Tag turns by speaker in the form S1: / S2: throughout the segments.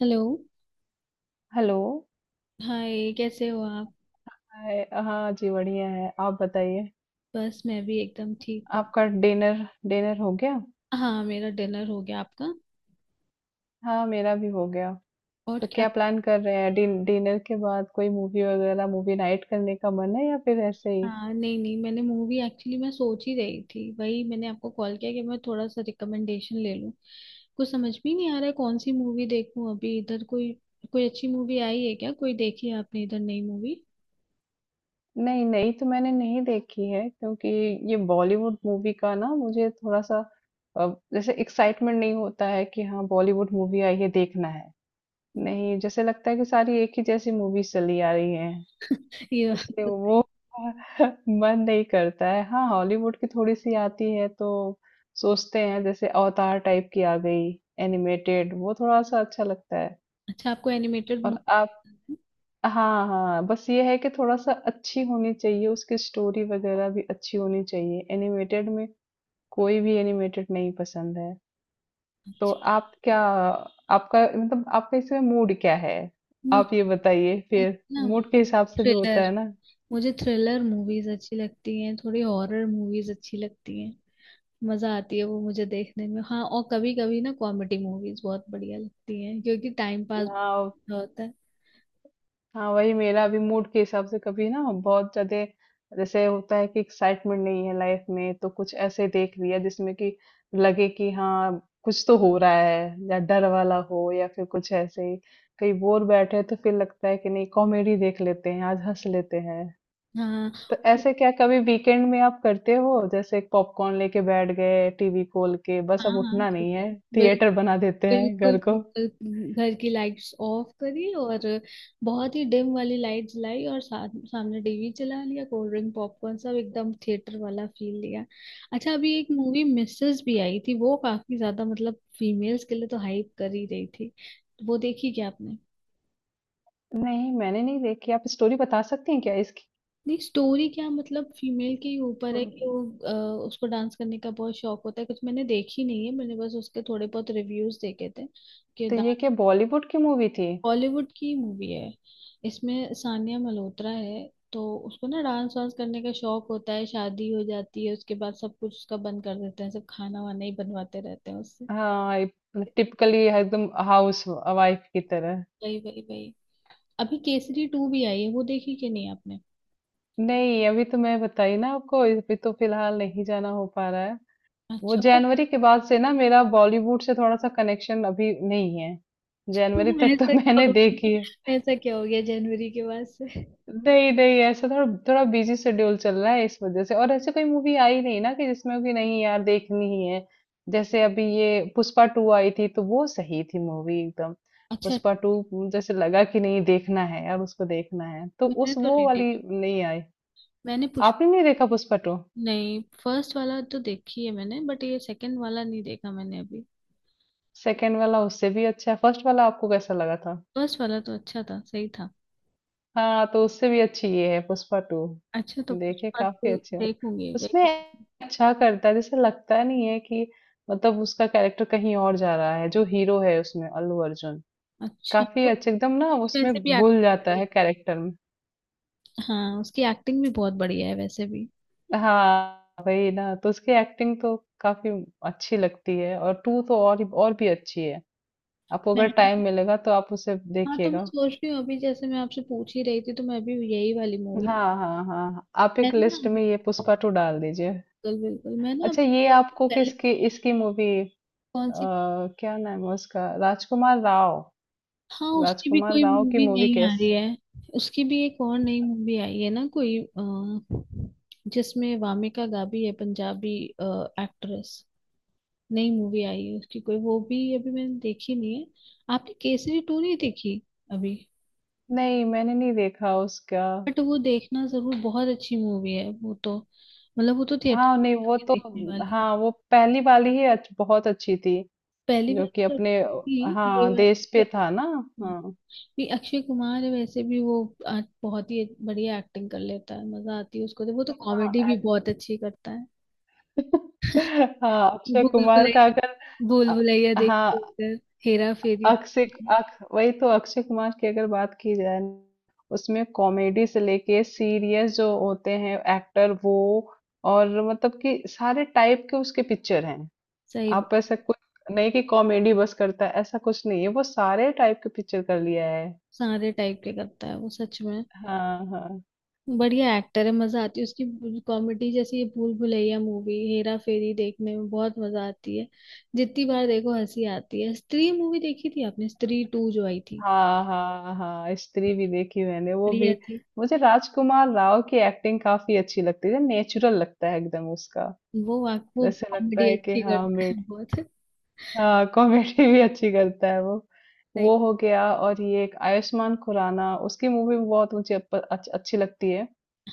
S1: Hello.
S2: Hello.
S1: Hi, कैसे हो आप?
S2: हाय, हाँ जी बढ़िया है। आप बताइए,
S1: बस मैं भी एकदम ठीक हूँ।
S2: आपका डिनर, डिनर हो गया?
S1: हाँ, मेरा डिनर हो गया, आपका?
S2: हाँ, मेरा भी हो गया।
S1: और
S2: तो
S1: क्या।
S2: क्या प्लान कर रहे हैं? डिनर के बाद कोई मूवी वगैरह, मूवी नाइट करने का मन है या फिर ऐसे ही?
S1: हाँ, नहीं नहीं, मैंने मूवी एक्चुअली मैं सोच ही रही थी, वही मैंने आपको कॉल किया कि मैं थोड़ा सा रिकमेंडेशन ले लूँ। कुछ समझ भी नहीं आ रहा है, कौन सी मूवी देखूँ अभी इधर कोई कोई अच्छी मूवी आई है क्या? कोई देखी है आपने इधर नई मूवी?
S2: नहीं नहीं, तो मैंने नहीं देखी है क्योंकि ये बॉलीवुड मूवी का ना मुझे थोड़ा सा अ, जैसे एक्साइटमेंट नहीं होता है कि हाँ बॉलीवुड मूवी आई है देखना है। नहीं, जैसे लगता है कि सारी एक ही जैसी मूवीज चली आ रही है,
S1: ये।
S2: इसलिए वो मन नहीं करता है। हाँ, हॉलीवुड की थोड़ी-सी आती है तो सोचते हैं जैसे अवतार टाइप की आ गई, एनिमेटेड, वो थोड़ा-सा अच्छा लगता है।
S1: अच्छा, आपको एनिमेटेड
S2: और
S1: मूवी।
S2: आप? हाँ, हाँ, बस ये है कि थोड़ा-सा अच्छी होनी चाहिए, उसकी स्टोरी वगैरह भी अच्छी होनी चाहिए। एनिमेटेड में कोई भी एनिमेटेड नहीं पसंद है। तो
S1: अच्छा।
S2: आप क्या, आपका मतलब आपका इसमें मूड क्या है?
S1: मुझे
S2: आप ये बताइए
S1: मुझे
S2: फिर,
S1: ना
S2: मूड के
S1: मुझे
S2: हिसाब से भी होता
S1: थ्रिलर।
S2: है ना।
S1: मुझे थ्रिलर मूवीज अच्छी लगती हैं, थोड़ी हॉरर मूवीज अच्छी लगती हैं, मजा आती है वो मुझे देखने में। हाँ, और कभी कभी ना कॉमेडी मूवीज बहुत बढ़िया लगती हैं क्योंकि टाइम पास
S2: हाँ,
S1: होता है।
S2: हाँ वही, मेरा भी मूड के हिसाब से कभी ना बहुत ज्यादा जैसे होता है कि एक्साइटमेंट नहीं है लाइफ में, तो कुछ ऐसे देख लिया जिसमें कि लगे कि हाँ कुछ तो हो रहा है, या डर वाला हो या फिर कुछ ऐसे ही। कहीं बोर बैठे हैं, तो फिर लगता है कि नहीं कॉमेडी देख लेते हैं, आज हंस लेते हैं।
S1: हाँ,
S2: तो ऐसे क्या कभी वीकेंड में आप करते हो जैसे पॉपकॉर्न लेके बैठ गए, टीवी खोल के, बस अब
S1: हाँ, हाँ,
S2: उठना नहीं
S1: बिल्कुल
S2: है, थिएटर
S1: बिल्कुल।
S2: बना देते हैं घर
S1: बिल्कुल
S2: को?
S1: बिल्कुल, घर की लाइट्स ऑफ करी और बहुत ही डिम वाली लाइट जलाई और सामने टीवी चला लिया, कोल्ड ड्रिंक पॉपकॉर्न सब एकदम थिएटर वाला फील लिया। अच्छा, अभी एक मूवी मिसेस भी आई थी, वो काफी ज्यादा मतलब फीमेल्स के लिए तो हाइप कर ही रही थी। वो देखी क्या आपने?
S2: नहीं मैंने नहीं देखी, आप स्टोरी बता सकती हैं क्या इसकी?
S1: नहीं, स्टोरी क्या मतलब फीमेल के ही ऊपर है कि वो उसको डांस करने का बहुत शौक होता है। कुछ मैंने देखी नहीं है, मैंने बस उसके थोड़े बहुत रिव्यूज देखे थे कि।
S2: तो ये क्या बॉलीवुड की मूवी थी?
S1: बॉलीवुड की मूवी है। इसमें सानिया मल्होत्रा है। तो उसको ना डांस वांस करने का शौक होता है, शादी हो जाती है, उसके बाद सब कुछ उसका बंद कर देते हैं, सब खाना वाना ही बनवाते रहते हैं उससे।
S2: हाँ, टिपिकली एकदम हाउस वाइफ की तरह।
S1: वही, वही, वही। अभी केसरी टू भी आई है, वो देखी कि नहीं आपने?
S2: नहीं अभी तो मैं बताई ना आपको, अभी तो फिलहाल नहीं जाना हो पा रहा है। वो
S1: अच्छा, बट।
S2: जनवरी के बाद से ना मेरा बॉलीवुड से थोड़ा सा कनेक्शन अभी नहीं है। जनवरी
S1: क्यों,
S2: तक तो
S1: ऐसा क्या
S2: मैंने
S1: हो
S2: देखी।
S1: गया, ऐसा क्या हो गया जनवरी के बाद से?
S2: नहीं नहीं, ऐसा थोड़ा थोड़ा बिजी शेड्यूल चल रहा है इस वजह से, और ऐसे कोई मूवी आई नहीं ना कि जिसमें कि नहीं यार देखनी ही है। जैसे अभी ये पुष्पा टू आई थी, तो वो सही थी मूवी एकदम,
S1: अच्छा।
S2: पुष्पा टू। जैसे लगा कि नहीं देखना है यार, उसको देखना है, तो
S1: मैंने
S2: उस
S1: तो
S2: वो
S1: नहीं
S2: वाली
S1: देखी।
S2: नहीं आई।
S1: मैंने पुष्प
S2: आपने नहीं देखा पुष्पा टू?
S1: नहीं, फर्स्ट वाला तो देखी है मैंने, बट ये सेकंड वाला नहीं देखा मैंने अभी।
S2: सेकेंड वाला उससे भी अच्छा है। फर्स्ट वाला आपको कैसा लगा था?
S1: फर्स्ट वाला तो अच्छा था, सही था।
S2: हाँ तो उससे भी अच्छी ये है पुष्पा टू।
S1: अच्छा, तो
S2: देखिए
S1: पुष्पा
S2: काफी
S1: टू
S2: अच्छी है।
S1: देखूंगी,
S2: उसमें
S1: देखूंगी।
S2: अच्छा करता है, जैसे लगता नहीं है कि, मतलब उसका कैरेक्टर कहीं और जा रहा है। जो हीरो है उसमें, अल्लू अर्जुन,
S1: अच्छा,
S2: काफी
S1: तो
S2: अच्छे, एकदम ना
S1: उसकी
S2: उसमें
S1: वैसे भी
S2: घुल
S1: एक्टिंग
S2: जाता
S1: बढ़िया
S2: है कैरेक्टर में।
S1: है। हाँ, उसकी एक्टिंग भी बहुत बढ़िया है वैसे भी।
S2: हाँ वही ना, तो उसकी एक्टिंग तो काफी अच्छी लगती है, और टू तो और भी अच्छी है। आपको
S1: मैं
S2: अगर टाइम मिलेगा तो आप उसे
S1: हाँ, तो मैं
S2: देखिएगा।
S1: सोच रही हूँ, अभी जैसे मैं आपसे पूछ ही रही थी, तो मैं अभी यही वाली मूवी।
S2: हाँ हाँ हाँ हाँ। आप
S1: मैं
S2: एक
S1: ना
S2: लिस्ट में ये पुष्पा टू डाल दीजिए।
S1: बिल्कुल, बिल्कुल, मैं ना
S2: अच्छा,
S1: अभी
S2: ये
S1: थोड़ी
S2: आपको
S1: देर पहले।
S2: किसकी, इसकी मूवी,
S1: कौन सी?
S2: क्या नाम है उसका, राजकुमार राव?
S1: हाँ, उसकी भी
S2: राजकुमार
S1: कोई
S2: राव की
S1: मूवी
S2: मूवी
S1: नहीं आ
S2: कैस
S1: रही है। उसकी भी एक और नई मूवी आई है ना कोई जिसमें वामिका गाबी है, पंजाबी एक्ट्रेस। नई मूवी आई है उसकी कोई, वो भी अभी मैंने देखी नहीं है। आपने केसरी टू नहीं देखी अभी?
S2: नहीं, मैंने नहीं देखा उसका।
S1: बट वो देखना जरूर, बहुत अच्छी मूवी है वो तो, मतलब वो तो थिएटर
S2: हाँ नहीं
S1: में
S2: वो
S1: जाके
S2: तो,
S1: देखने वाली है।
S2: हाँ वो पहली वाली ही बहुत अच्छी थी,
S1: पहली
S2: जो
S1: बार
S2: कि
S1: तो अच्छी
S2: अपने,
S1: थी ये
S2: हाँ
S1: बात
S2: देश पे था ना।
S1: हाँ,
S2: हाँ,
S1: भी अक्षय कुमार है वैसे भी वो बहुत ही बढ़िया एक्टिंग कर लेता है, मजा आती है उसको तो, वो तो कॉमेडी
S2: हाँ।
S1: भी बहुत अच्छी करता है।
S2: हाँ अक्षय
S1: भूल
S2: कुमार का
S1: भुलैया,
S2: अगर,
S1: भूल भुलैया
S2: अ- हाँ
S1: देखी उधर। हेरा फेरी
S2: अक्षय,
S1: देखी,
S2: अक वही तो, अक्षय कुमार की अगर बात की जाए न, उसमें कॉमेडी से लेके सीरियस जो होते हैं एक्टर, वो, और मतलब कि सारे टाइप के उसके पिक्चर हैं।
S1: सही।
S2: आप ऐसा कुछ नहीं कि कॉमेडी बस करता है, ऐसा कुछ नहीं है, वो सारे टाइप के पिक्चर कर लिया है।
S1: सारे टाइप के करता है वो सच में।
S2: हाँ हाँ
S1: बढ़िया एक्टर है, मजा आती है उसकी कॉमेडी, जैसे ये भूल भुलैया मूवी, हेरा फेरी देखने में बहुत मजा आती है, जितनी बार देखो हंसी आती है। स्त्री मूवी देखी थी आपने, स्त्री टू जो आई थी?
S2: हाँ हाँ। हाँ स्त्री भी देखी मैंने, वो भी।
S1: बढ़िया थी।
S2: मुझे राजकुमार राव की एक्टिंग काफी अच्छी लगती है, नेचुरल लगता है एकदम उसका।
S1: वो वाक वो
S2: जैसे लगता
S1: कॉमेडी
S2: है कि
S1: अच्छी
S2: हाँ,
S1: करता है बहुत।
S2: हाँ कॉमेडी भी अच्छी करता है वो।
S1: सही।
S2: वो हो गया, और ये एक आयुष्मान खुराना, उसकी मूवी भी बहुत मुझे अच्छी लगती है।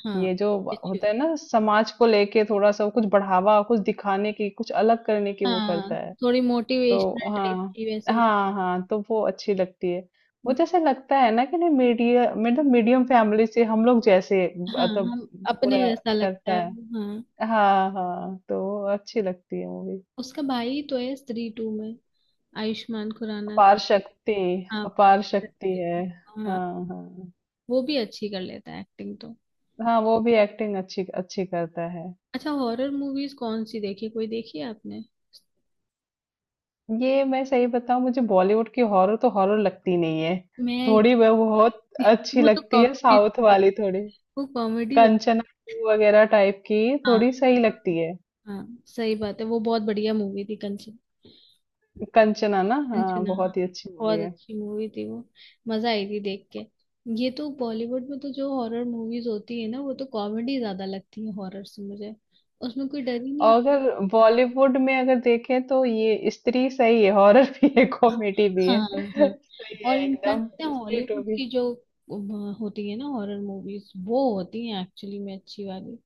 S1: हाँ,
S2: ये जो
S1: अच्छी।
S2: होता है ना समाज को लेके थोड़ा सा, कुछ बढ़ावा, कुछ दिखाने की, कुछ अलग करने की, वो
S1: हाँ,
S2: करता है।
S1: थोड़ी
S2: तो
S1: मोटिवेशनल
S2: हाँ,
S1: टाइप की वैसे।
S2: हाँ हाँ तो वो अच्छी लगती है। वो जैसे लगता है ना कि नहीं, मीडिया मतलब मीडियम फैमिली से हम लोग जैसे,
S1: हाँ,
S2: मतलब
S1: हम अपने
S2: पूरा
S1: जैसा लगता
S2: करता
S1: है
S2: है।
S1: वो, हाँ।
S2: हाँ हाँ तो वो अच्छी लगती है मूवी।
S1: उसका भाई तो है स्त्री टू में आयुष्मान खुराना का।
S2: अपार शक्ति,
S1: हाँ, पार्थ
S2: अपार शक्ति
S1: शक्ति।
S2: है।
S1: हाँ,
S2: हाँ हाँ।
S1: वो भी अच्छी कर लेता है एक्टिंग तो।
S2: हाँ वो भी एक्टिंग अच्छी अच्छी करता है।
S1: अच्छा, हॉरर मूवीज कौन सी देखी, कोई देखी है आपने?
S2: ये मैं सही बताऊं, मुझे बॉलीवुड की हॉरर तो हॉरर लगती नहीं है,
S1: मैं।
S2: थोड़ी वह बहुत अच्छी
S1: वो तो
S2: लगती है
S1: कॉमेडी
S2: साउथ
S1: होती है।
S2: वाली, थोड़ी
S1: वो कॉमेडी हो।
S2: कंचना टू वगैरह टाइप की, थोड़ी
S1: हाँ,
S2: सही लगती है।
S1: हाँ, सही बात है, वो बहुत बढ़िया मूवी थी, कंचन।
S2: कंचना ना, हाँ
S1: कंचना,
S2: बहुत ही
S1: हाँ,
S2: अच्छी मूवी
S1: बहुत
S2: है।
S1: अच्छी मूवी थी वो। मजा आई थी देख के। ये तो बॉलीवुड में तो जो हॉरर मूवीज होती है ना, वो तो कॉमेडी ज्यादा लगती है हॉरर से मुझे, उसमें कोई डर ही नहीं।
S2: और अगर बॉलीवुड में अगर देखें, तो ये स्त्री सही है, हॉरर भी है, कॉमेडी भी है,
S1: हाँ, हाँ।
S2: सही
S1: और
S2: है
S1: इनफैक्ट
S2: एकदम,
S1: पता है
S2: स्त्री टू।
S1: हॉलीवुड की जो होती है ना हॉरर मूवीज, वो होती है एक्चुअली में अच्छी वाली।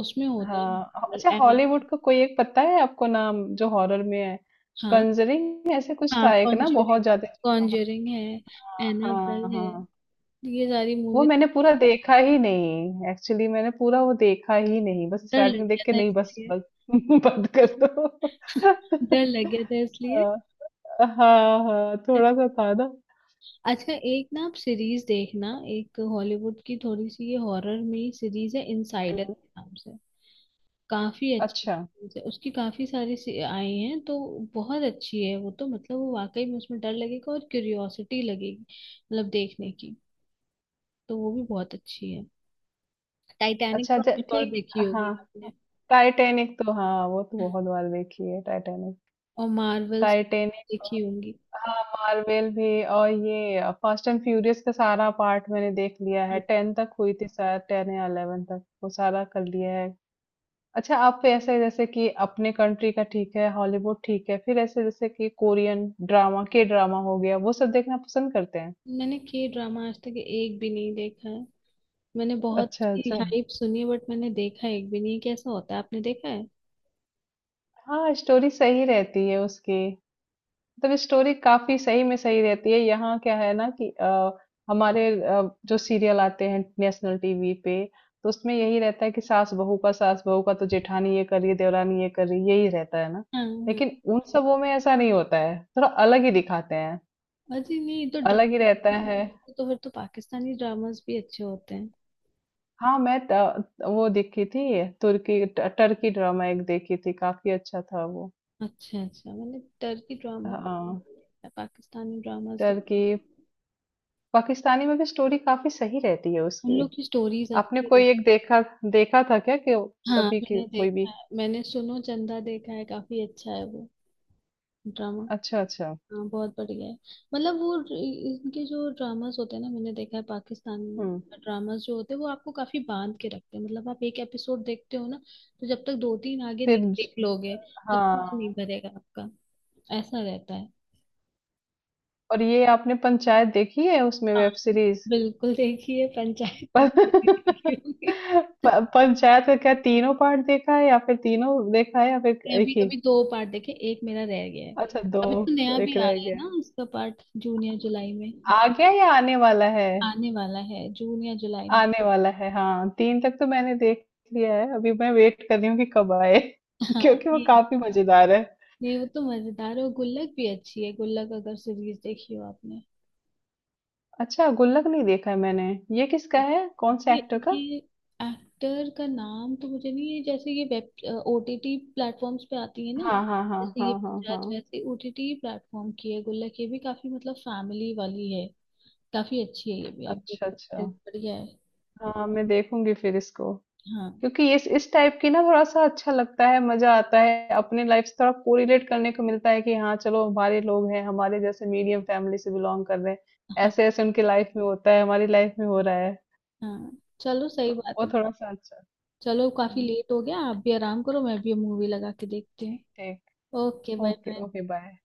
S1: उसमें होता है।
S2: हाँ, ह अच्छा,
S1: एनाबेल।
S2: हॉलीवुड का कोई एक पता है आपको नाम, जो हॉरर में है?
S1: हाँ,
S2: कंजरिंग ऐसे कुछ
S1: हाँ,
S2: था एक ना, बहुत
S1: कॉन्जरिंग।
S2: ज्यादा।
S1: कॉन्जरिंग है।
S2: हाँ हाँ
S1: एनाबेल है।
S2: हाँ।
S1: ये सारी
S2: वो
S1: मूवीज।
S2: मैंने पूरा देखा ही नहीं एक्चुअली, मैंने पूरा वो देखा ही नहीं, बस
S1: डर लग
S2: स्टार्टिंग देख
S1: गया
S2: के
S1: था
S2: नहीं, बस
S1: इसलिए।
S2: बस बंद कर दो।
S1: डर लग गया था इसलिए।
S2: हाँ हाँ हाँ, थोड़ा सा था ना।
S1: अच्छा, एक ना आप सीरीज देखना। एक हॉलीवुड की थोड़ी सी ये हॉरर में सीरीज है इनसाइडर
S2: हम्म।
S1: के नाम से। काफी अच्छी
S2: अच्छा,
S1: series है। उसकी काफी सारी आई हैं तो बहुत अच्छी है वो तो, मतलब वो वाकई में उसमें डर लगेगा और क्यूरियोसिटी लगेगी मतलब देखने की। तो वो भी बहुत अच्छी है। टाइटैनिक
S2: अच्छा
S1: तो आपने और
S2: ठीक।
S1: देखी
S2: हाँ
S1: होगी आपने।
S2: टाइटैनिक तो, हाँ वो तो बहुत बार देखी है टाइटैनिक,
S1: और मार्वल्स
S2: टाइटैनिक।
S1: देखी होंगी।
S2: हाँ, मार्वेल भी, और ये फास्ट एंड फ्यूरियस का सारा पार्ट मैंने देख लिया है, टेन तक हुई थी शायद, टेन या 11 तक, वो सारा कर लिया है। अच्छा, आप ऐसे जैसे कि अपने कंट्री का ठीक है, हॉलीवुड ठीक है, फिर ऐसे जैसे कि कोरियन ड्रामा, के ड्रामा हो गया, वो सब देखना पसंद करते हैं?
S1: मैंने के ड्रामा आज तक एक भी नहीं देखा है। मैंने बहुत
S2: अच्छा
S1: ही
S2: अच्छा,
S1: हाइप सुनी है, बट मैंने देखा एक भी नहीं, कैसा होता है, आपने देखा है?
S2: हाँ स्टोरी सही रहती है उसकी, मतलब स्टोरी काफी सही में सही रहती है। यहाँ क्या है ना कि हमारे जो सीरियल आते हैं नेशनल टीवी पे, तो उसमें यही रहता है कि सास बहू का, सास बहू का, तो जेठानी ये कर रही है, देवरानी ये कर रही है, यही रहता है ना।
S1: हाँ,
S2: लेकिन
S1: हाँ।
S2: उन सबों में ऐसा नहीं होता है, थोड़ा अलग ही दिखाते हैं,
S1: अरे नहीं, तो
S2: अलग ही
S1: ड्रामा।
S2: रहता है।
S1: तो फिर तो पाकिस्तानी ड्रामास भी अच्छे होते हैं।
S2: हाँ मैं वो देखी थी, तुर्की टर्की ड्रामा एक देखी थी, काफी अच्छा था वो।
S1: अच्छा, अच्छा, मैंने टर्की ड्रामा,
S2: हाँ
S1: पाकिस्तानी ड्रामास
S2: टर्की।
S1: देखे।
S2: पाकिस्तानी में भी स्टोरी काफी सही रहती है
S1: उन
S2: उसकी।
S1: लोग की स्टोरीज
S2: आपने
S1: अच्छी
S2: कोई एक
S1: होती।
S2: देखा, देखा था क्या कि
S1: हाँ,
S2: अभी की
S1: मैंने
S2: कोई
S1: देखा
S2: भी?
S1: है, मैंने सुनो चंदा देखा है, काफी अच्छा है वो ड्रामा।
S2: अच्छा अच्छा।
S1: हाँ, बहुत बढ़िया है। मतलब वो इनके जो ड्रामास होते हैं ना, मैंने देखा है
S2: हम्म।
S1: पाकिस्तानी ड्रामास जो होते हैं, वो आपको काफी बांध के रखते हैं, मतलब आप एक एपिसोड देखते हो ना, तो जब तक दो तीन आगे
S2: फिर
S1: नहीं
S2: ज-
S1: देख लोगे, तब तक मन
S2: हाँ।
S1: नहीं भरेगा आपका। ऐसा रहता है।
S2: और ये आपने पंचायत देखी है, उसमें
S1: हाँ,
S2: वेब सीरीज?
S1: बिल्कुल, देखिए पंचायत किसने नहीं
S2: प-
S1: देखी होगी।
S2: पंचायत का क्या तीनों पार्ट देखा है, या फिर तीनों देखा है या फिर
S1: मैं अभी
S2: एक ही?
S1: अभी दो पार्ट देखे, एक मेरा रह गया है।
S2: अच्छा दो,
S1: अभी तो नया
S2: एक
S1: भी आ
S2: रह
S1: रहा है
S2: गया
S1: ना
S2: है,
S1: उसका पार्ट जून या जुलाई में।
S2: आ गया या आने वाला है?
S1: आने वाला है जून या जुलाई में।
S2: आने वाला है, हाँ तीन तक तो मैंने देख लिया है। अभी मैं वेट कर रही हूँ कि कब आए,
S1: हाँ,
S2: क्योंकि वो
S1: ये।
S2: काफी मजेदार है।
S1: नहीं, वो तो मजेदार है, और गुल्लक भी अच्छी है, गुल्लक अगर सीरीज देखी हो आपने।
S2: अच्छा, गुल्लक नहीं देखा है मैंने। ये किसका है? कौन से
S1: ये
S2: एक्टर का?
S1: ये एक्टर का नाम तो मुझे नहीं है, जैसे ये वेब ओटीटी प्लेटफॉर्म्स पे आती है ना,
S2: हाँ, हाँ, हाँ,
S1: जैसे ये
S2: हाँ, हाँ,
S1: पंचायत
S2: हाँ।
S1: वैसे ओटीटी प्लेटफॉर्म की है गुल्लक, ये भी काफी मतलब फैमिली वाली है। काफी अच्छी है, ये भी आप देख
S2: अच्छा,
S1: सकते
S2: अच्छा।
S1: हो, बढ़िया है।
S2: हाँ, मैं देखूँगी फिर इसको।
S1: हाँ,
S2: क्योंकि इस टाइप की ना थोड़ा-सा अच्छा लगता है, मज़ा आता है। अपनी लाइफ से थोड़ा कोरिलेट करने को मिलता है कि हाँ, चलो हमारे लोग हैं, हमारे जैसे मीडियम फैमिली से बिलॉन्ग कर रहे हैं।
S1: हाँ,
S2: ऐसे-ऐसे उनकी लाइफ में होता है, हमारी लाइफ में हो रहा है।
S1: हाँ, चलो,
S2: तो
S1: सही बात
S2: वो
S1: है।
S2: थोड़ा-सा अच्छा।
S1: चलो काफी
S2: हुँ,
S1: लेट हो गया, आप भी आराम करो, मैं भी मूवी लगा के देखती हूँ।
S2: ठीक।
S1: Okay, bye
S2: okay,
S1: bye.
S2: Okay, bye.